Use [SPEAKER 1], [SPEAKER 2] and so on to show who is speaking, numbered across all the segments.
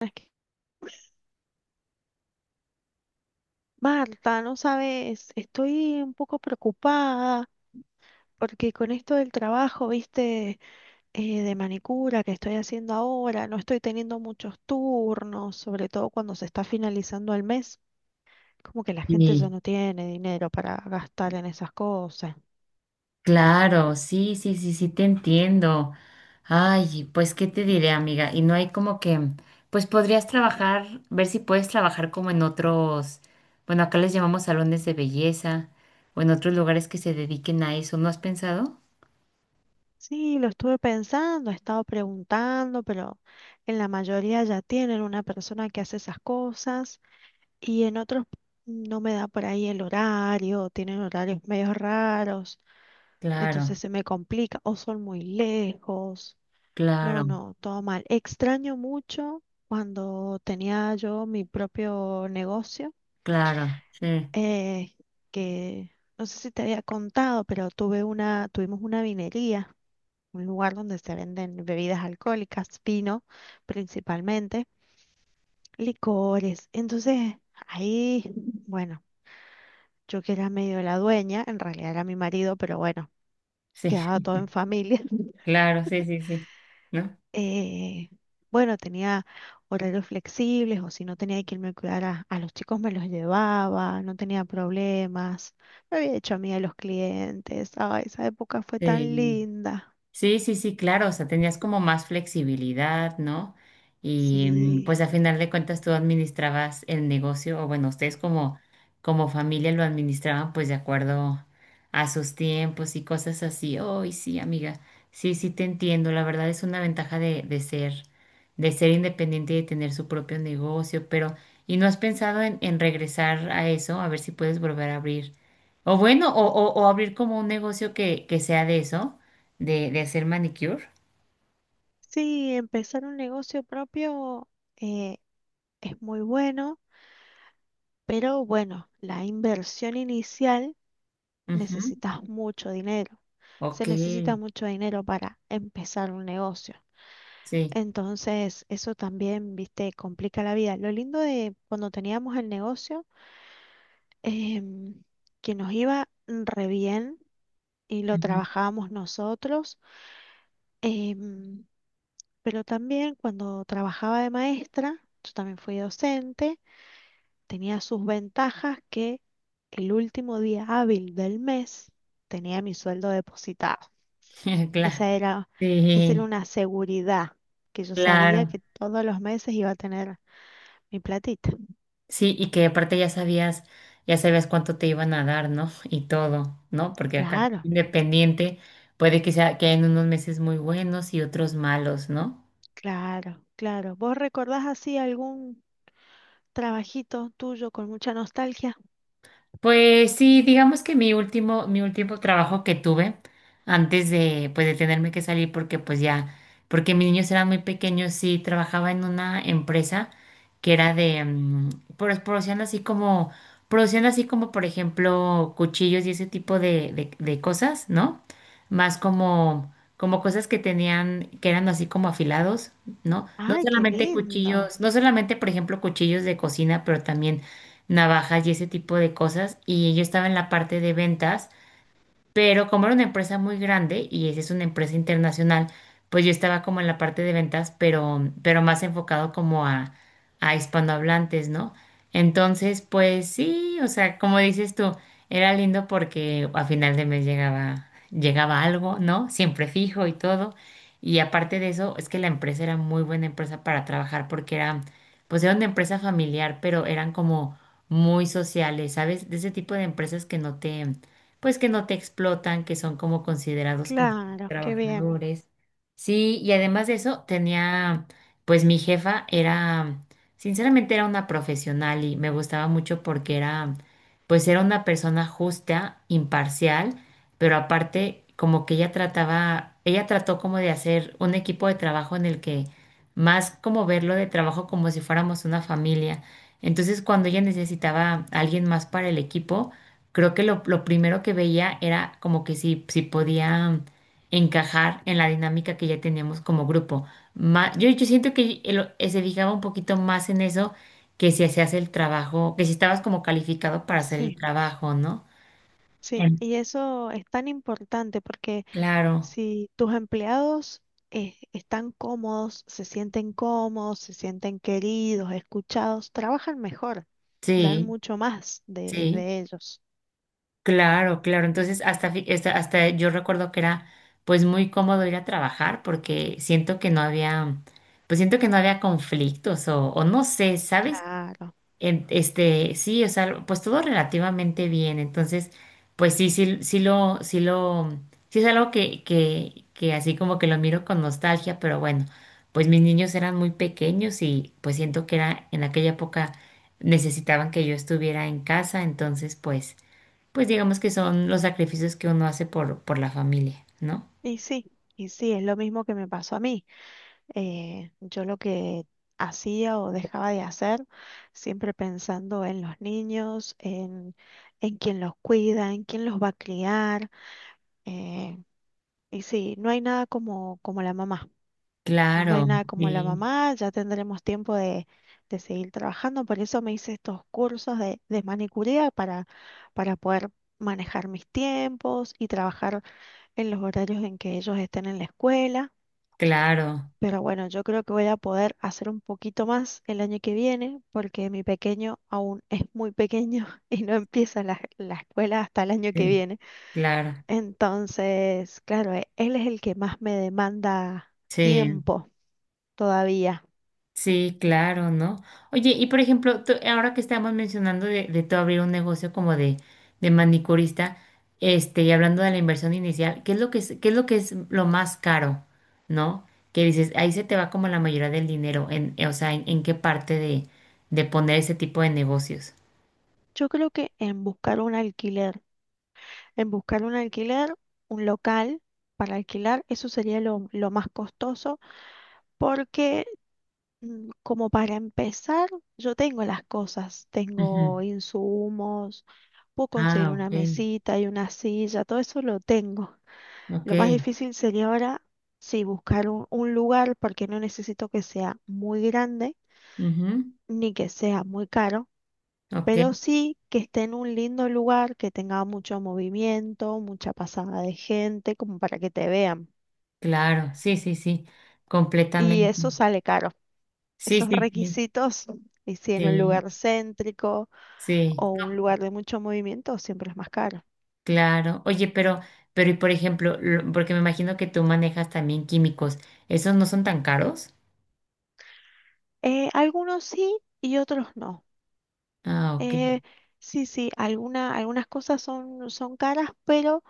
[SPEAKER 1] Es que, Marta, no sabes, estoy un poco preocupada porque con esto del trabajo, viste, de manicura que estoy haciendo ahora, no estoy teniendo muchos turnos, sobre todo cuando se está finalizando el mes, como que la gente ya
[SPEAKER 2] Sí,
[SPEAKER 1] no tiene dinero para gastar en esas cosas.
[SPEAKER 2] claro, sí, sí, sí, sí, te entiendo. Ay, pues, ¿qué te diré, amiga? Y no hay como que, pues podrías trabajar, ver si puedes trabajar como en otros, bueno, acá les llamamos salones de belleza o en otros lugares que se dediquen a eso. ¿No has pensado?
[SPEAKER 1] Sí, lo estuve pensando, he estado preguntando, pero en la mayoría ya tienen una persona que hace esas cosas. Y en otros no me da por ahí el horario, tienen horarios medio raros,
[SPEAKER 2] Claro,
[SPEAKER 1] entonces se me complica o son muy lejos. No,
[SPEAKER 2] claro,
[SPEAKER 1] no, todo mal. Extraño mucho cuando tenía yo mi propio negocio,
[SPEAKER 2] claro, sí,
[SPEAKER 1] eh, que no sé si te había contado, pero tuvimos una vinería, un lugar donde se venden bebidas alcohólicas, vino principalmente, licores. Entonces, ahí, bueno. Yo que era medio la dueña, en realidad era mi marido, pero bueno,
[SPEAKER 2] sí,
[SPEAKER 1] quedaba todo en familia.
[SPEAKER 2] claro, sí, sí, sí, ¿no?
[SPEAKER 1] Eh, bueno, tenía horarios flexibles o si no tenía que irme a cuidar a los chicos, me los llevaba, no tenía problemas, me había hecho amiga de los clientes, ay, esa época fue tan
[SPEAKER 2] Sí.
[SPEAKER 1] linda.
[SPEAKER 2] Sí, sí, sí, claro, o sea, tenías como más flexibilidad, ¿no? Y
[SPEAKER 1] Sí,
[SPEAKER 2] pues a final de cuentas tú administrabas el negocio, o bueno, ustedes como, como familia lo administraban pues de acuerdo a sus tiempos y cosas así. Ay, sí, amiga, sí, sí te entiendo, la verdad es una ventaja de ser, de ser, independiente y de tener su propio negocio, pero ¿y no has pensado en regresar a eso? A ver si puedes volver a abrir, o bueno, o abrir como un negocio que sea de eso de hacer manicure.
[SPEAKER 1] sí, empezar un negocio propio eh, es muy bueno, pero bueno, la inversión inicial
[SPEAKER 2] Ujú.
[SPEAKER 1] necesitas mucho dinero. Se
[SPEAKER 2] Ok,
[SPEAKER 1] necesita mucho dinero para empezar un negocio.
[SPEAKER 2] sí,
[SPEAKER 1] Entonces, eso también, viste, complica la vida. Lo lindo de cuando teníamos el negocio, em, que nos iba re bien y lo
[SPEAKER 2] ujú.
[SPEAKER 1] trabajábamos nosotros, em, pero también cuando trabajaba de maestra, yo también fui docente. Tenía sus ventajas que el último día hábil del mes tenía mi sueldo depositado.
[SPEAKER 2] Claro,
[SPEAKER 1] Esa era, esa era
[SPEAKER 2] sí,
[SPEAKER 1] una seguridad que yo sabía
[SPEAKER 2] claro.
[SPEAKER 1] que todos los meses iba a tener mi platita.
[SPEAKER 2] Sí, y que aparte ya sabías cuánto te iban a dar, ¿no? Y todo, ¿no? Porque acá
[SPEAKER 1] Claro,
[SPEAKER 2] independiente puede que sea que hayan unos meses muy buenos y otros malos, ¿no?
[SPEAKER 1] claro, claro. ¿Vos recordás así algún trabajito tuyo con mucha nostalgia?
[SPEAKER 2] Pues sí, digamos que mi último trabajo que tuve antes de, pues, de tenerme que salir porque pues ya, porque mis niños eran muy pequeños, sí, trabajaba en una empresa que era de, pues, produciendo así como, por ejemplo, cuchillos y ese tipo de cosas, ¿no? Más como, como cosas que tenían, que eran así como afilados, ¿no? No
[SPEAKER 1] Ay, qué
[SPEAKER 2] solamente
[SPEAKER 1] lindo.
[SPEAKER 2] cuchillos, no solamente, por ejemplo, cuchillos de cocina, pero también navajas y ese tipo de cosas. Y yo estaba en la parte de ventas. Pero como era una empresa muy grande y esa es una empresa internacional, pues yo estaba como en la parte de ventas, pero más enfocado como a, hispanohablantes, ¿no? Entonces, pues sí, o sea, como dices tú, era lindo porque a final de mes llegaba algo, ¿no? Siempre fijo y todo. Y aparte de eso, es que la empresa era muy buena empresa para trabajar porque era, pues era una empresa familiar, pero eran como muy sociales, ¿sabes? De ese tipo de empresas que no te pues que no te explotan, que son como considerados como
[SPEAKER 1] Claro, qué bien.
[SPEAKER 2] trabajadores. Sí, y además de eso, tenía, pues mi jefa era, sinceramente era una profesional y me gustaba mucho porque era, pues era una persona justa, imparcial, pero aparte como que ella trató como de hacer un equipo de trabajo en el que más como verlo de trabajo como si fuéramos una familia. Entonces, cuando ella necesitaba a alguien más para el equipo, creo que lo primero que veía era como que si, podía encajar en la dinámica que ya teníamos como grupo. Yo siento que se fijaba un poquito más en eso que si hacías el trabajo, que si estabas como calificado para hacer el
[SPEAKER 1] Sí,
[SPEAKER 2] trabajo, ¿no?
[SPEAKER 1] sí.
[SPEAKER 2] En-
[SPEAKER 1] Y eso es tan importante porque
[SPEAKER 2] claro,
[SPEAKER 1] si tus empleados están cómodos, se sienten queridos, escuchados, trabajan mejor, dan
[SPEAKER 2] sí,
[SPEAKER 1] mucho más
[SPEAKER 2] sí,
[SPEAKER 1] de ellos.
[SPEAKER 2] claro, claro. Entonces, hasta yo recuerdo que era pues muy cómodo ir a trabajar porque siento que no había, pues siento que no había conflictos o, no sé, ¿sabes?
[SPEAKER 1] Claro.
[SPEAKER 2] Este, sí, o sea, pues todo relativamente bien. Entonces, pues sí, sí, sí lo, sí es algo que así como que lo miro con nostalgia, pero bueno, pues mis niños eran muy pequeños y pues siento que era en aquella época necesitaban que yo estuviera en casa, entonces pues, digamos que son los sacrificios que uno hace por la familia, ¿no?
[SPEAKER 1] Y sí, y sí, es lo mismo que me pasó a mí. Yo lo que hacía o dejaba de hacer, siempre pensando en los niños, en quién los cuida, en quién los va a criar. eh, y sí, no hay nada como, como la mamá. No hay
[SPEAKER 2] Claro,
[SPEAKER 1] nada como la
[SPEAKER 2] sí,
[SPEAKER 1] mamá, ya tendremos tiempo de seguir trabajando. Por eso me hice estos cursos de manicuría para poder manejar mis tiempos y trabajar en los horarios en que ellos estén en la escuela.
[SPEAKER 2] claro,
[SPEAKER 1] Pero bueno, yo creo que voy a poder hacer un poquito más el año que viene porque mi pequeño aún es muy pequeño y no empieza la, la escuela hasta el año que
[SPEAKER 2] sí,
[SPEAKER 1] viene.
[SPEAKER 2] claro,
[SPEAKER 1] Entonces, claro, él es el que más me demanda
[SPEAKER 2] sí.
[SPEAKER 1] tiempo todavía.
[SPEAKER 2] Sí, claro, ¿no? Oye, y por ejemplo, ahora que estamos mencionando de, tú abrir un negocio como de manicurista, este, y hablando de la inversión inicial, qué es lo que es lo más caro? ¿No? Que dices, ahí se te va como la mayoría del dinero, o sea, ¿en, qué parte de poner ese tipo de negocios?
[SPEAKER 1] Yo creo que en buscar un alquiler, en buscar un alquiler, un local para alquilar, eso sería lo más costoso, porque como para empezar, yo tengo las cosas,
[SPEAKER 2] Ujú.
[SPEAKER 1] tengo insumos, puedo conseguir
[SPEAKER 2] Ah, ok,
[SPEAKER 1] una mesita y una silla, todo eso lo tengo.
[SPEAKER 2] ok,
[SPEAKER 1] Lo más difícil sería ahora, sí, buscar un lugar, porque no necesito que sea muy grande
[SPEAKER 2] ujú,
[SPEAKER 1] ni que sea muy caro,
[SPEAKER 2] ok,
[SPEAKER 1] pero sí que esté en un lindo lugar, que tenga mucho movimiento, mucha pasada de gente, como para que te vean.
[SPEAKER 2] claro, sí, sí, sí,
[SPEAKER 1] Y
[SPEAKER 2] completamente.
[SPEAKER 1] eso sale caro.
[SPEAKER 2] Sí,
[SPEAKER 1] Esos
[SPEAKER 2] sí, sí,
[SPEAKER 1] requisitos, y si en un
[SPEAKER 2] sí,
[SPEAKER 1] lugar céntrico
[SPEAKER 2] sí.
[SPEAKER 1] o un lugar de mucho movimiento, siempre es más caro.
[SPEAKER 2] Claro. Oye, pero, y por ejemplo, porque me imagino que tú manejas también químicos, ¿esos no son tan caros?
[SPEAKER 1] Algunos sí y otros no.
[SPEAKER 2] Ah, ok.
[SPEAKER 1] Eh, sí, sí, algunas cosas son, son caras, pero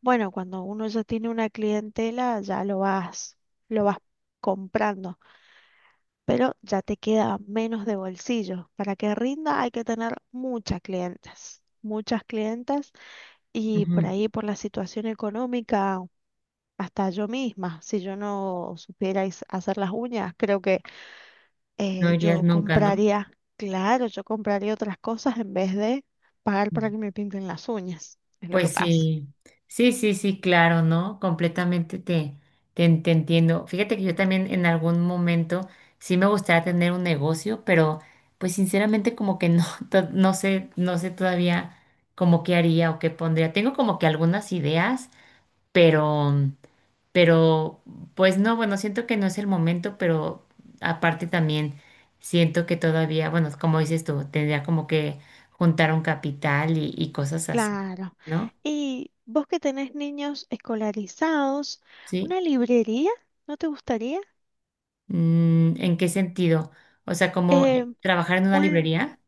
[SPEAKER 1] bueno, cuando uno ya tiene una clientela, ya lo vas comprando. Pero ya te queda menos de bolsillo. Para que rinda hay que tener muchas clientas, muchas clientas, y por
[SPEAKER 2] Ujú.
[SPEAKER 1] ahí por la situación económica, hasta yo misma, si yo no supiera hacer las uñas, creo que
[SPEAKER 2] No irías
[SPEAKER 1] yo
[SPEAKER 2] nunca, ¿no?
[SPEAKER 1] compraría, claro, yo compraría otras cosas en vez de pagar para que me pinten las uñas, es lo que
[SPEAKER 2] Pues
[SPEAKER 1] pasa.
[SPEAKER 2] sí, sí, sí, sí, claro, ¿no? Completamente te entiendo. Fíjate que yo también en algún momento sí me gustaría tener un negocio, pero pues sinceramente como que no, no sé todavía como qué haría o qué pondría. Tengo como que algunas ideas, pero... Pero, pues no, bueno, siento que no es el momento, pero aparte también siento que todavía, bueno, como dices tú, tendría como que juntar un capital y cosas así,
[SPEAKER 1] Claro.
[SPEAKER 2] ¿no?
[SPEAKER 1] Y vos que tenés niños escolarizados,
[SPEAKER 2] Sí.
[SPEAKER 1] ¿una librería no te gustaría?
[SPEAKER 2] ¿En qué sentido? O sea, como
[SPEAKER 1] Eh,
[SPEAKER 2] trabajar en una
[SPEAKER 1] un,
[SPEAKER 2] librería.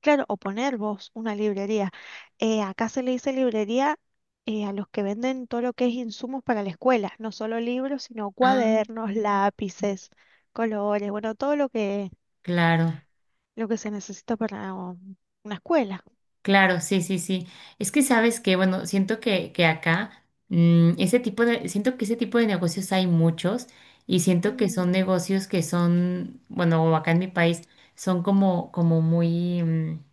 [SPEAKER 1] Claro, o poner vos una librería. Acá se le dice librería a los que venden todo lo que es insumos para la escuela, no solo libros, sino
[SPEAKER 2] Ah,
[SPEAKER 1] cuadernos, lápices, colores, bueno, todo
[SPEAKER 2] claro.
[SPEAKER 1] lo que se necesita para una escuela.
[SPEAKER 2] Claro, sí, sí, sí. Es que sabes que, bueno, siento que acá, siento que ese tipo de negocios hay muchos y siento que
[SPEAKER 1] Mm,
[SPEAKER 2] son negocios que son, bueno, acá en mi país, son como, como muy,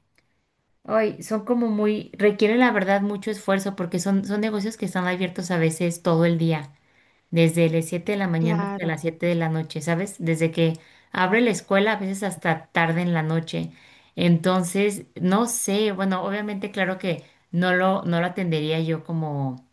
[SPEAKER 2] ay, son como muy, requieren la verdad mucho esfuerzo porque son negocios que están abiertos a veces todo el día desde las 7 de la mañana hasta
[SPEAKER 1] claro,
[SPEAKER 2] las 7 de la noche, ¿sabes? Desde que abre la escuela, a veces hasta tarde en la noche. Entonces, no sé, bueno, obviamente claro que no lo atendería yo como,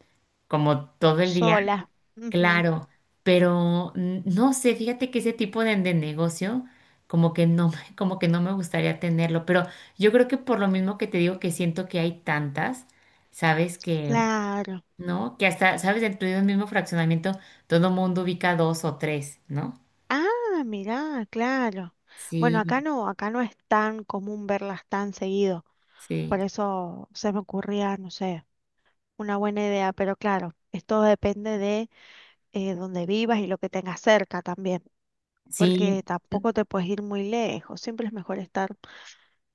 [SPEAKER 2] como todo el día,
[SPEAKER 1] sola. Ujú,
[SPEAKER 2] claro, pero no sé, fíjate que ese tipo de negocio como que no, como que no me gustaría tenerlo, pero yo creo que por lo mismo que te digo que siento que hay tantas, ¿sabes?
[SPEAKER 1] claro.
[SPEAKER 2] ¿No? Que hasta, ¿sabes? Dentro de un mismo fraccionamiento todo mundo ubica dos o tres, ¿no?
[SPEAKER 1] Ah, mirá, claro. Bueno,
[SPEAKER 2] Sí,
[SPEAKER 1] acá no es tan común verlas tan seguido. Por
[SPEAKER 2] sí,
[SPEAKER 1] eso se me ocurría, no sé. Una buena idea, pero claro, esto depende de dónde vivas y lo que tengas cerca también,
[SPEAKER 2] sí,
[SPEAKER 1] porque tampoco te puedes ir muy lejos, siempre es mejor estar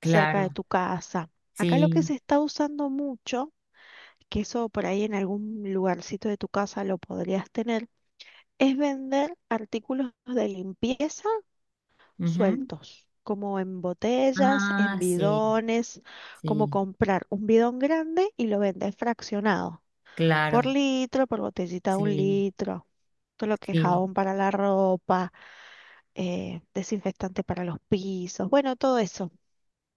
[SPEAKER 1] cerca de tu casa. Acá lo que
[SPEAKER 2] sí.
[SPEAKER 1] se está usando mucho, que eso por ahí en algún lugarcito de tu casa lo podrías tener, es vender artículos de limpieza
[SPEAKER 2] Ujú.
[SPEAKER 1] sueltos, como en botellas, en
[SPEAKER 2] Ah, sí,
[SPEAKER 1] bidones, como
[SPEAKER 2] sí,
[SPEAKER 1] comprar un bidón grande y lo vendes fraccionado. Por
[SPEAKER 2] claro,
[SPEAKER 1] litro, por botellita de un
[SPEAKER 2] sí,
[SPEAKER 1] litro. Todo lo que es
[SPEAKER 2] sí.
[SPEAKER 1] jabón para la ropa, desinfectante para los pisos, bueno, todo eso.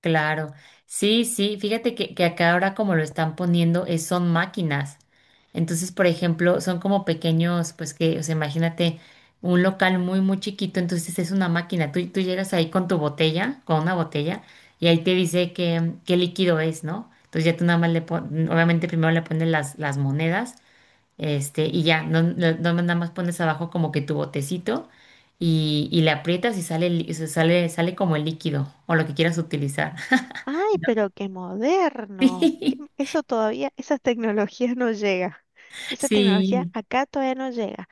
[SPEAKER 2] Claro, sí, sí, fíjate que acá ahora como lo están poniendo son máquinas. Entonces, por ejemplo, son como pequeños, pues que, o sea, imagínate un local muy, muy chiquito, entonces es una máquina. Tú llegas ahí con una botella, y ahí te dice qué líquido es, ¿no? Entonces ya tú nada más le pones, obviamente primero le pones las monedas, este, y ya, no nada más pones abajo como que tu botecito y le aprietas y sale, o sea, sale como el líquido o lo que quieras utilizar.
[SPEAKER 1] Ay,
[SPEAKER 2] ¿No?
[SPEAKER 1] pero qué moderno. Qué- eso todavía, esas tecnologías no llega. Esa tecnología
[SPEAKER 2] Sí,
[SPEAKER 1] acá todavía no llega.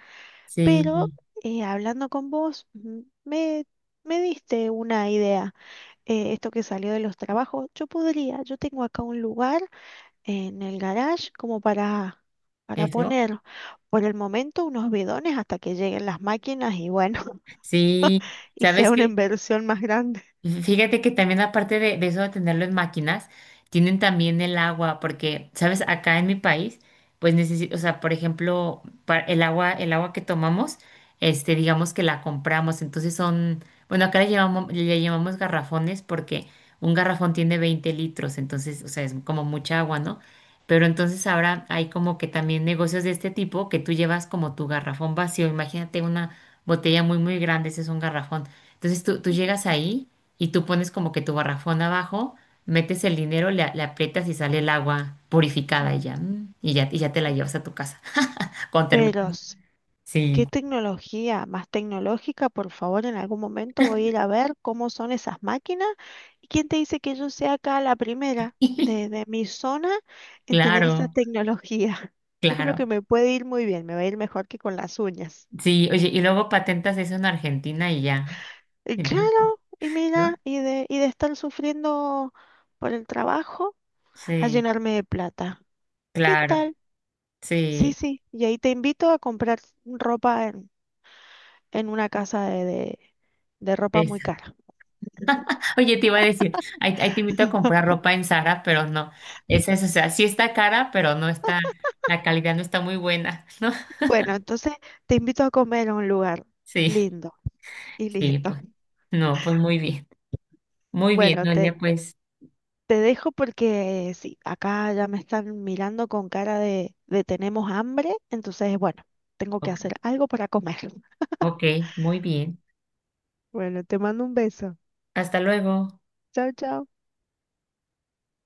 [SPEAKER 2] sí,
[SPEAKER 1] Pero
[SPEAKER 2] sí,
[SPEAKER 1] hablando con vos, me diste una idea. Esto que salió de los trabajos, yo podría, yo tengo acá un lugar en el garage como para
[SPEAKER 2] eso,
[SPEAKER 1] poner por el momento unos bidones hasta que lleguen las máquinas y bueno,
[SPEAKER 2] sí.
[SPEAKER 1] y
[SPEAKER 2] ¿Sabes
[SPEAKER 1] sea una
[SPEAKER 2] qué?
[SPEAKER 1] inversión más grande.
[SPEAKER 2] Y fíjate que también aparte de, eso de tenerlo en máquinas, tienen también el agua, porque, ¿sabes? Acá en mi país, pues necesito, o sea, por ejemplo, el agua, que tomamos, este, digamos que la compramos, entonces son, bueno, acá le llamamos garrafones porque un garrafón tiene 20 litros, entonces, o sea, es como mucha agua, ¿no? Pero entonces ahora hay como que también negocios de este tipo que tú llevas como tu garrafón vacío, imagínate una botella muy, muy grande, ese es un garrafón. Entonces tú llegas ahí y tú pones como que tu garrafón abajo, metes el dinero, le aprietas y sale el agua purificada y
[SPEAKER 1] Mm.
[SPEAKER 2] ya, y ya, y ya te la llevas a tu casa. Con termina.
[SPEAKER 1] Pero, ¿qué
[SPEAKER 2] Sí.
[SPEAKER 1] tecnología más tecnológica? Por favor, en algún momento voy a ir a ver cómo son esas máquinas. ¿Y quién te dice que yo sea acá la primera de mi zona en tener esa
[SPEAKER 2] Claro,
[SPEAKER 1] tecnología? Yo creo
[SPEAKER 2] claro.
[SPEAKER 1] que me puede ir muy bien, me va a ir mejor que con las uñas.
[SPEAKER 2] Sí, oye, y luego patentas eso en Argentina y ya.
[SPEAKER 1] Y
[SPEAKER 2] En México,
[SPEAKER 1] claro, y
[SPEAKER 2] ¿no?
[SPEAKER 1] mira, y de estar sufriendo por el trabajo a
[SPEAKER 2] Sí,
[SPEAKER 1] llenarme de plata. ¿Qué
[SPEAKER 2] claro.
[SPEAKER 1] tal? Sí,
[SPEAKER 2] Sí.
[SPEAKER 1] sí, y ahí te invito a comprar ropa en una casa de ropa muy
[SPEAKER 2] Eso.
[SPEAKER 1] cara.
[SPEAKER 2] Oye, te iba a decir, ahí te invito a comprar ropa en Zara, pero no. Es eso, o sea, sí está cara, pero no está, la calidad no está muy buena, ¿no?
[SPEAKER 1] Bueno, entonces te invito a comer a un lugar
[SPEAKER 2] Sí,
[SPEAKER 1] lindo y
[SPEAKER 2] sí,
[SPEAKER 1] listo.
[SPEAKER 2] pues. No, pues muy bien. Muy bien,
[SPEAKER 1] Bueno, te,
[SPEAKER 2] oye, pues,
[SPEAKER 1] te dejo porque sí, acá ya me están mirando con cara de tenemos hambre, entonces bueno, tengo que hacer
[SPEAKER 2] ok,
[SPEAKER 1] algo para comer.
[SPEAKER 2] ok, muy bien.
[SPEAKER 1] Bueno, te mando un beso.
[SPEAKER 2] Hasta luego.
[SPEAKER 1] Chao, chao.